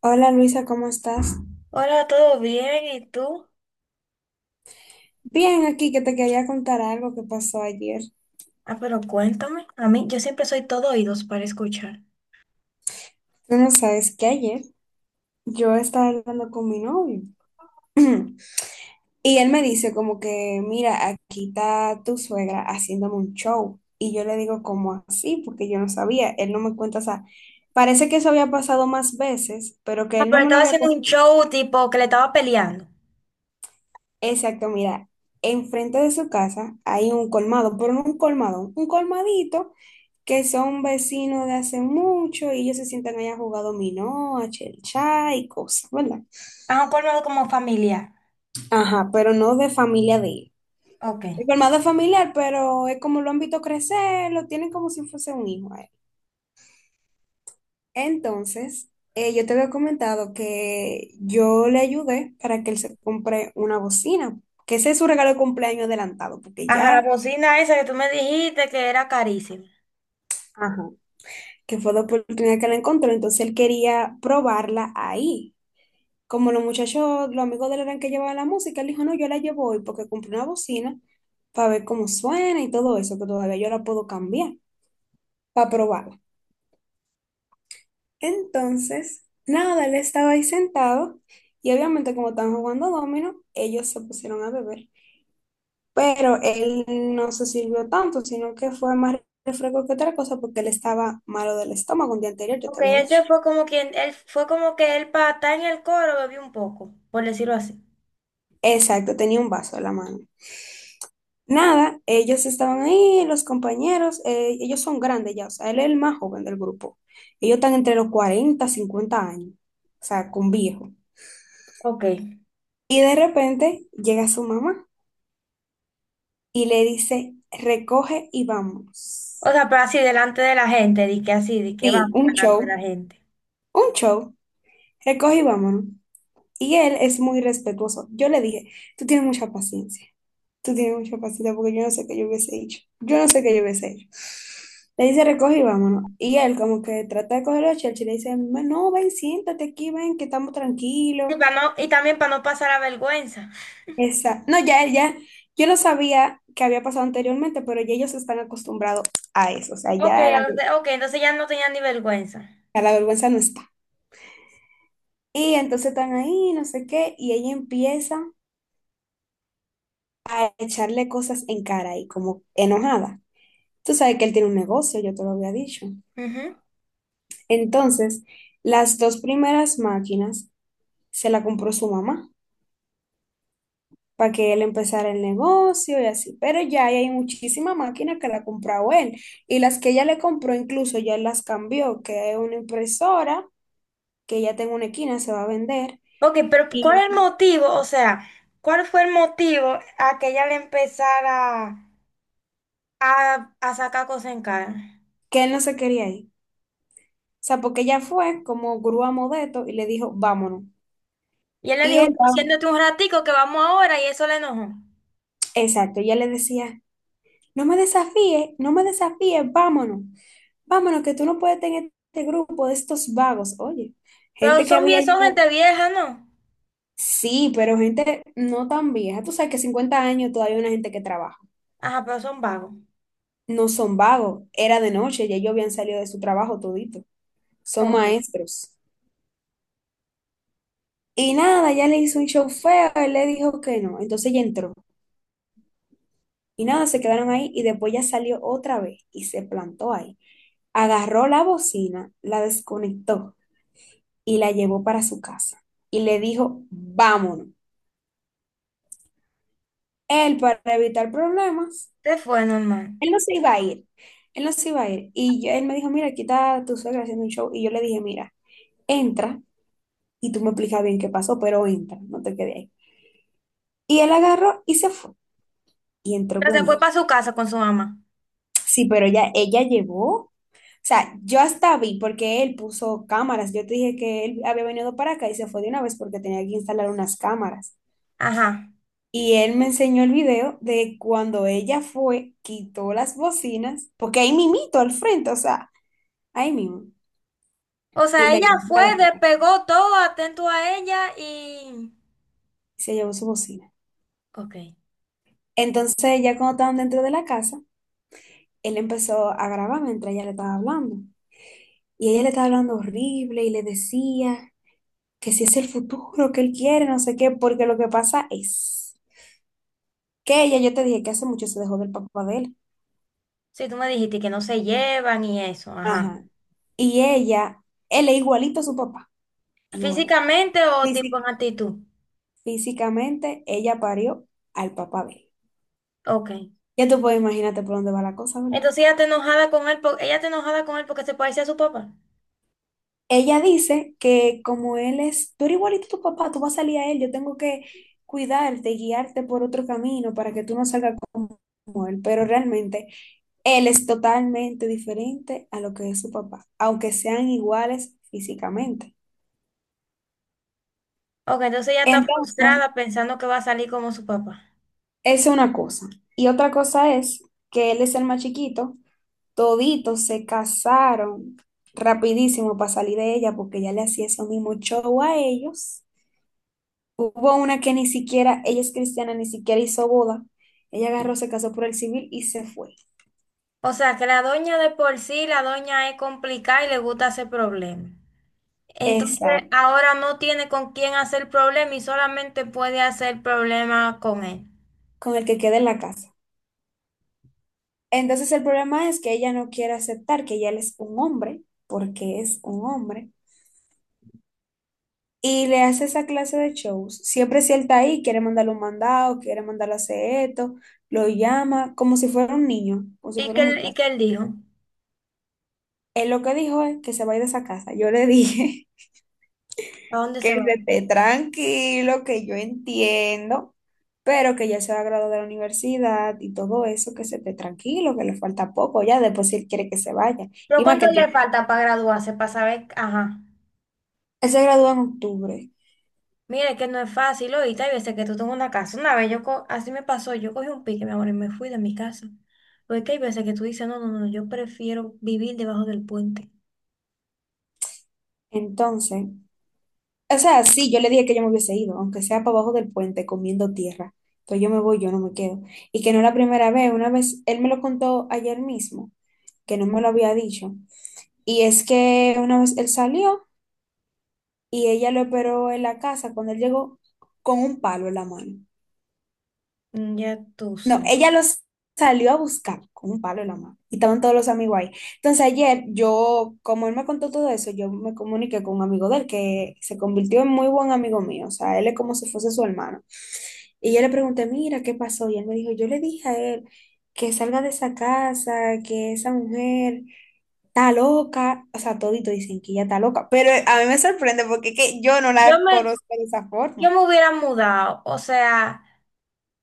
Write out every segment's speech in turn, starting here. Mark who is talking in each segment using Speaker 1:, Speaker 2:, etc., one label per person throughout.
Speaker 1: Hola Luisa, ¿cómo estás?
Speaker 2: Hola, ¿todo bien? ¿Y tú?
Speaker 1: Bien, aquí que te quería contar algo que pasó ayer.
Speaker 2: Ah, pero cuéntame. A mí, yo siempre soy todo oídos para escuchar.
Speaker 1: Tú no sabes que ayer yo estaba hablando con mi novio y él me dice como que, mira, aquí está tu suegra haciéndome un show. Y yo le digo como así, porque yo no sabía, él no me cuenta, o sea, parece que eso había pasado más veces, pero que
Speaker 2: Ah,
Speaker 1: él no
Speaker 2: pero
Speaker 1: me lo
Speaker 2: estaba
Speaker 1: había
Speaker 2: haciendo un
Speaker 1: contado.
Speaker 2: show tipo que le estaba peleando.
Speaker 1: Exacto, mira, enfrente de su casa hay un colmado, pero no un colmado, un colmadito que son vecinos de hace mucho y ellos se sientan allá a jugar dominó, a chelcha y cosas, ¿verdad?
Speaker 2: Ajá, un colmado como familiar.
Speaker 1: Ajá, pero no de familia de él.
Speaker 2: Ok.
Speaker 1: El colmado es familiar, pero es como lo han visto crecer, lo tienen como si fuese un hijo a él. Entonces, yo te había comentado que yo le ayudé para que él se compre una bocina, que ese es su regalo de cumpleaños adelantado, porque
Speaker 2: Ajá, la
Speaker 1: ya...
Speaker 2: bocina esa que tú me dijiste que era carísima.
Speaker 1: Ajá. Que fue la oportunidad que la encontró, entonces él quería probarla ahí. Como los muchachos, los amigos de él eran que llevaban la música, él dijo, no, yo la llevo hoy porque compré una bocina para ver cómo suena y todo eso, que todavía yo la puedo cambiar para probarla. Entonces, nada, él estaba ahí sentado y obviamente como estaban jugando dominó, ellos se pusieron a beber. Pero él no se sirvió tanto, sino que fue más refresco que otra cosa porque él estaba malo del estómago un día anterior, yo te
Speaker 2: Ok,
Speaker 1: había
Speaker 2: él
Speaker 1: dicho.
Speaker 2: se fue como quien, él fue como que él para estar en el coro bebió un poco, por decirlo así.
Speaker 1: Exacto, tenía un vaso en la mano. Nada, ellos estaban ahí, los compañeros, ellos son grandes ya, o sea, él es el más joven del grupo. Ellos están entre los 40 50 años, o sea, con viejo.
Speaker 2: Ok.
Speaker 1: Y de repente llega su mamá y le dice, recoge y
Speaker 2: O
Speaker 1: vamos.
Speaker 2: sea, pero así delante de la gente, di que así, di que
Speaker 1: Sí,
Speaker 2: vamos delante de la gente.
Speaker 1: un show, recoge y vámonos. Y él es muy respetuoso. Yo le dije, tú tienes mucha paciencia. Tú tienes mucha paciencia porque yo no sé qué yo hubiese hecho. Yo no sé qué yo hubiese hecho. Le dice, recoge y vámonos. Y él como que trata de coger los chelches y le dice, no, ven, siéntate aquí, ven, que estamos tranquilos.
Speaker 2: Y, para no, y también para no pasar la vergüenza.
Speaker 1: Esa. No, ya, ya, yo no sabía que había pasado anteriormente, pero ya ellos están acostumbrados a eso. O sea,
Speaker 2: Ok,
Speaker 1: ya la,
Speaker 2: o sea, ok, entonces ya no tenía ni vergüenza.
Speaker 1: ya la vergüenza no está. Y entonces están ahí, no sé qué, y ella empieza a echarle cosas en cara y como enojada. Tú sabes que él tiene un negocio, yo te lo había dicho.
Speaker 2: Ujú.
Speaker 1: Entonces, las dos primeras máquinas se la compró su mamá para que él empezara el negocio y así. Pero ya hay muchísima máquina que la ha comprado él. Y las que ella le compró, incluso ya él las cambió, que es una impresora, que ya tengo una esquina, se va a vender,
Speaker 2: Ok, pero ¿cuál es el
Speaker 1: y
Speaker 2: motivo? O sea, ¿cuál fue el motivo a que ella le empezara a sacar cosas en cara?
Speaker 1: que él no se quería ir. O sea, porque ella fue como grúa modesto y le dijo, vámonos.
Speaker 2: Y él le
Speaker 1: Y
Speaker 2: dijo,
Speaker 1: él,
Speaker 2: "Como, siéntate un ratico que vamos ahora y eso le enojó".
Speaker 1: exacto, ella le decía, no me desafíes, no me desafíes, vámonos. Vámonos, que tú no puedes tener este grupo de estos vagos. Oye,
Speaker 2: Pero
Speaker 1: gente que
Speaker 2: son,
Speaker 1: había
Speaker 2: son
Speaker 1: llegado.
Speaker 2: gente vieja, ¿no?
Speaker 1: Sí, pero gente no tan vieja. Tú sabes que 50 años todavía hay una gente que trabaja.
Speaker 2: Ajá, pero son vagos.
Speaker 1: No son vagos, era de noche, ya ellos habían salido de su trabajo todito. Son
Speaker 2: Ok.
Speaker 1: maestros. Y nada, ya le hizo un show feo, él le dijo que no. Entonces ella entró. Y nada, se quedaron ahí y después ya salió otra vez y se plantó ahí. Agarró la bocina, la desconectó y la llevó para su casa y le dijo, vámonos. Él, para evitar problemas,
Speaker 2: Se fue, normal.
Speaker 1: él no se iba a ir, él no se iba a ir. Él me dijo, mira, aquí está tu suegra haciendo un show. Y yo le dije, mira, entra y tú me explicas bien qué pasó, pero entra, no te quedes ahí. Y él agarró y se fue y entró
Speaker 2: Pero se
Speaker 1: con
Speaker 2: fue
Speaker 1: ella.
Speaker 2: para su casa con su mamá.
Speaker 1: Sí, pero ella llevó. O sea, yo hasta vi porque él puso cámaras. Yo te dije que él había venido para acá y se fue de una vez porque tenía que instalar unas cámaras.
Speaker 2: Ajá.
Speaker 1: Y él me enseñó el video de cuando ella fue, quitó las bocinas, porque ahí mimito al frente, o sea, ahí mismo,
Speaker 2: O
Speaker 1: y
Speaker 2: sea,
Speaker 1: la
Speaker 2: ella
Speaker 1: llevó
Speaker 2: fue,
Speaker 1: para la casa,
Speaker 2: despegó todo, atento a ella y...
Speaker 1: y se llevó su bocina.
Speaker 2: Ok.
Speaker 1: Entonces, ya cuando estaban dentro de la casa, él empezó a grabar mientras ella le estaba hablando. Y ella le estaba hablando horrible y le decía que si es el futuro que él quiere, no sé qué, porque lo que pasa es que ella, yo te dije que hace mucho se dejó del papá de él.
Speaker 2: Sí, tú me dijiste que no se llevan y eso, ajá.
Speaker 1: Ajá. Y ella, él es igualito a su papá, igualito.
Speaker 2: ¿Físicamente o
Speaker 1: Sí,
Speaker 2: tipo en
Speaker 1: sí.
Speaker 2: actitud?
Speaker 1: Físicamente, ella parió al papá de él.
Speaker 2: Ok.
Speaker 1: Ya tú puedes imaginarte por dónde va la cosa, ¿verdad?
Speaker 2: Entonces ella está enojada con él, ella está enojada con él porque se parece a su papá.
Speaker 1: Ella dice que como él es, tú eres igualito a tu papá, tú vas a salir a él, yo tengo que cuidarte, guiarte por otro camino para que tú no salgas como él, pero realmente él es totalmente diferente a lo que es su papá, aunque sean iguales físicamente.
Speaker 2: Ok, entonces ella está
Speaker 1: Entonces,
Speaker 2: frustrada pensando que va a salir como su papá.
Speaker 1: esa es una cosa. Y otra cosa es que él es el más chiquito. Toditos se casaron rapidísimo para salir de ella porque ella le hacía eso mismo show a ellos. Hubo una que ni siquiera, ella es cristiana, ni siquiera hizo boda. Ella agarró, se casó por el civil y se fue.
Speaker 2: O sea, que la doña de por sí, la doña es complicada y le gusta hacer problemas. Entonces
Speaker 1: Exacto,
Speaker 2: ahora no tiene con quién hacer problema y solamente puede hacer problema con él.
Speaker 1: con el que queda en la casa. Entonces el problema es que ella no quiere aceptar que ella él es un hombre, porque es un hombre, y le hace esa clase de shows. Siempre si él está ahí, quiere mandarle un mandado, quiere mandarle a hacer esto, lo llama como si fuera un niño, como si
Speaker 2: ¿Y
Speaker 1: fuera
Speaker 2: qué,
Speaker 1: un
Speaker 2: y
Speaker 1: muchacho.
Speaker 2: qué él dijo?
Speaker 1: Él lo que dijo es que se va a ir de esa casa. Yo le dije
Speaker 2: ¿A dónde
Speaker 1: que
Speaker 2: se
Speaker 1: se
Speaker 2: va?
Speaker 1: esté tranquilo, que yo entiendo, pero que ya se va a graduar de la universidad y todo eso, que se esté tranquilo, que le falta poco ya, después si él quiere que se vaya.
Speaker 2: ¿Pero
Speaker 1: Y más
Speaker 2: cuánto
Speaker 1: que él
Speaker 2: le
Speaker 1: tiene-
Speaker 2: falta para graduarse, para saber? Ajá.
Speaker 1: él se gradúa en octubre.
Speaker 2: Mira, es que no es fácil ahorita. Y veces que tú tengo una casa. Una vez yo, así me pasó, yo cogí un pique, mi amor, y me fui de mi casa. Porque que hay veces que tú dices, no, no, no, yo prefiero vivir debajo del puente.
Speaker 1: Entonces, o sea, sí, yo le dije que yo me hubiese ido, aunque sea para abajo del puente comiendo tierra. Pero yo me voy, yo no me quedo. Y que no es la primera vez, una vez, él me lo contó ayer mismo, que no me lo había dicho. Y es que una vez él salió y ella lo esperó en la casa cuando él llegó con un palo en la mano.
Speaker 2: Mm, ya tú
Speaker 1: No,
Speaker 2: sabes.
Speaker 1: ella los salió a buscar con un palo en la mano y estaban todos los amigos ahí. Entonces ayer yo, como él me contó todo eso, yo me comuniqué con un amigo de él que se convirtió en muy buen amigo mío, o sea, él es como si fuese su hermano. Y yo le pregunté, mira, ¿qué pasó? Y él me dijo, yo le dije a él que salga de esa casa, que esa mujer... Está loca, o sea, todito dicen que ella está loca, pero a mí me sorprende porque es que yo no
Speaker 2: Yo
Speaker 1: la
Speaker 2: me,
Speaker 1: conozco de esa
Speaker 2: yo
Speaker 1: forma.
Speaker 2: me hubiera mudado. O sea,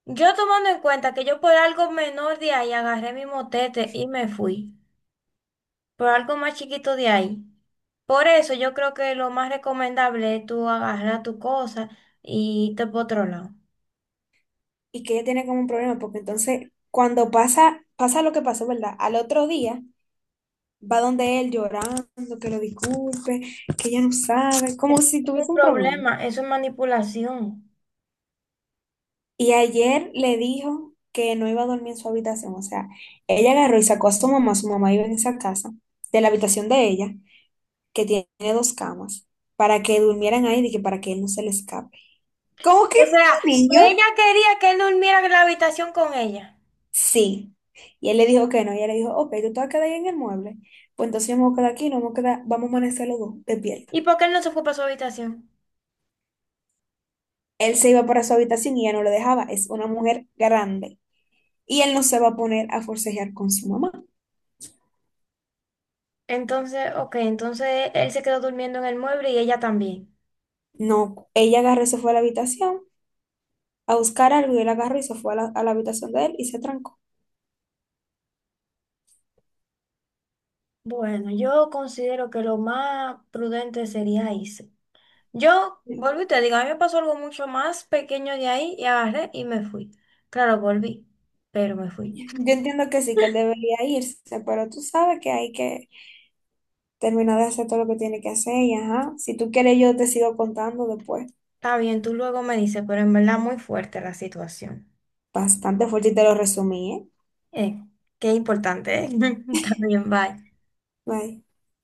Speaker 2: yo tomando en cuenta que yo por algo menor de ahí agarré mi motete y me fui. Por algo más chiquito de ahí. Por eso yo creo que lo más recomendable es tú agarrar tu cosa y irte por otro lado.
Speaker 1: Y que ella tiene como un problema, porque entonces cuando pasa, pasa lo que pasó, ¿verdad? Al otro día va donde él llorando, que lo disculpe, que ella no sabe, como
Speaker 2: Eso
Speaker 1: si
Speaker 2: no es
Speaker 1: tuviese
Speaker 2: un
Speaker 1: un problema.
Speaker 2: problema, eso es manipulación.
Speaker 1: Y ayer le dijo que no iba a dormir en su habitación, o sea, ella agarró y sacó a su mamá vive en esa casa, de la habitación de ella, que tiene dos camas, para que durmieran ahí y que para que él no se le escape. ¿Cómo que
Speaker 2: O sea,
Speaker 1: un niño?
Speaker 2: ella quería que él durmiera en la habitación con ella.
Speaker 1: Sí. Y él le dijo que no. Y ella le dijo, ok, tú te vas a quedar ahí en el mueble. Pues entonces vamos a quedar aquí, no vamos a quedar, vamos a amanecer los dos despiertos.
Speaker 2: ¿Y por qué él no se fue para su habitación?
Speaker 1: Él se iba para su habitación y ella no lo dejaba. Es una mujer grande. Y él no se va a poner a forcejear con su mamá.
Speaker 2: Entonces, ok, entonces él se quedó durmiendo en el mueble y ella también.
Speaker 1: No. Ella agarró y se fue a la habitación a buscar algo y él agarró y se fue a la, habitación de él y se trancó.
Speaker 2: Bueno, yo considero que lo más prudente sería irse. Yo, volví, y te digo, a mí me pasó algo mucho más pequeño de ahí y agarré y me fui. Claro, volví, pero me fui.
Speaker 1: Yo entiendo que sí, que él debería irse, pero tú sabes que hay que terminar de hacer todo lo que tiene que hacer y ajá. Si tú quieres, yo te sigo contando después.
Speaker 2: Está bien, tú luego me dices, pero en verdad muy fuerte la situación.
Speaker 1: Bastante fuerte y te lo resumí, ¿eh?
Speaker 2: Eh, qué importante, ¿eh? También, bye.
Speaker 1: Bye.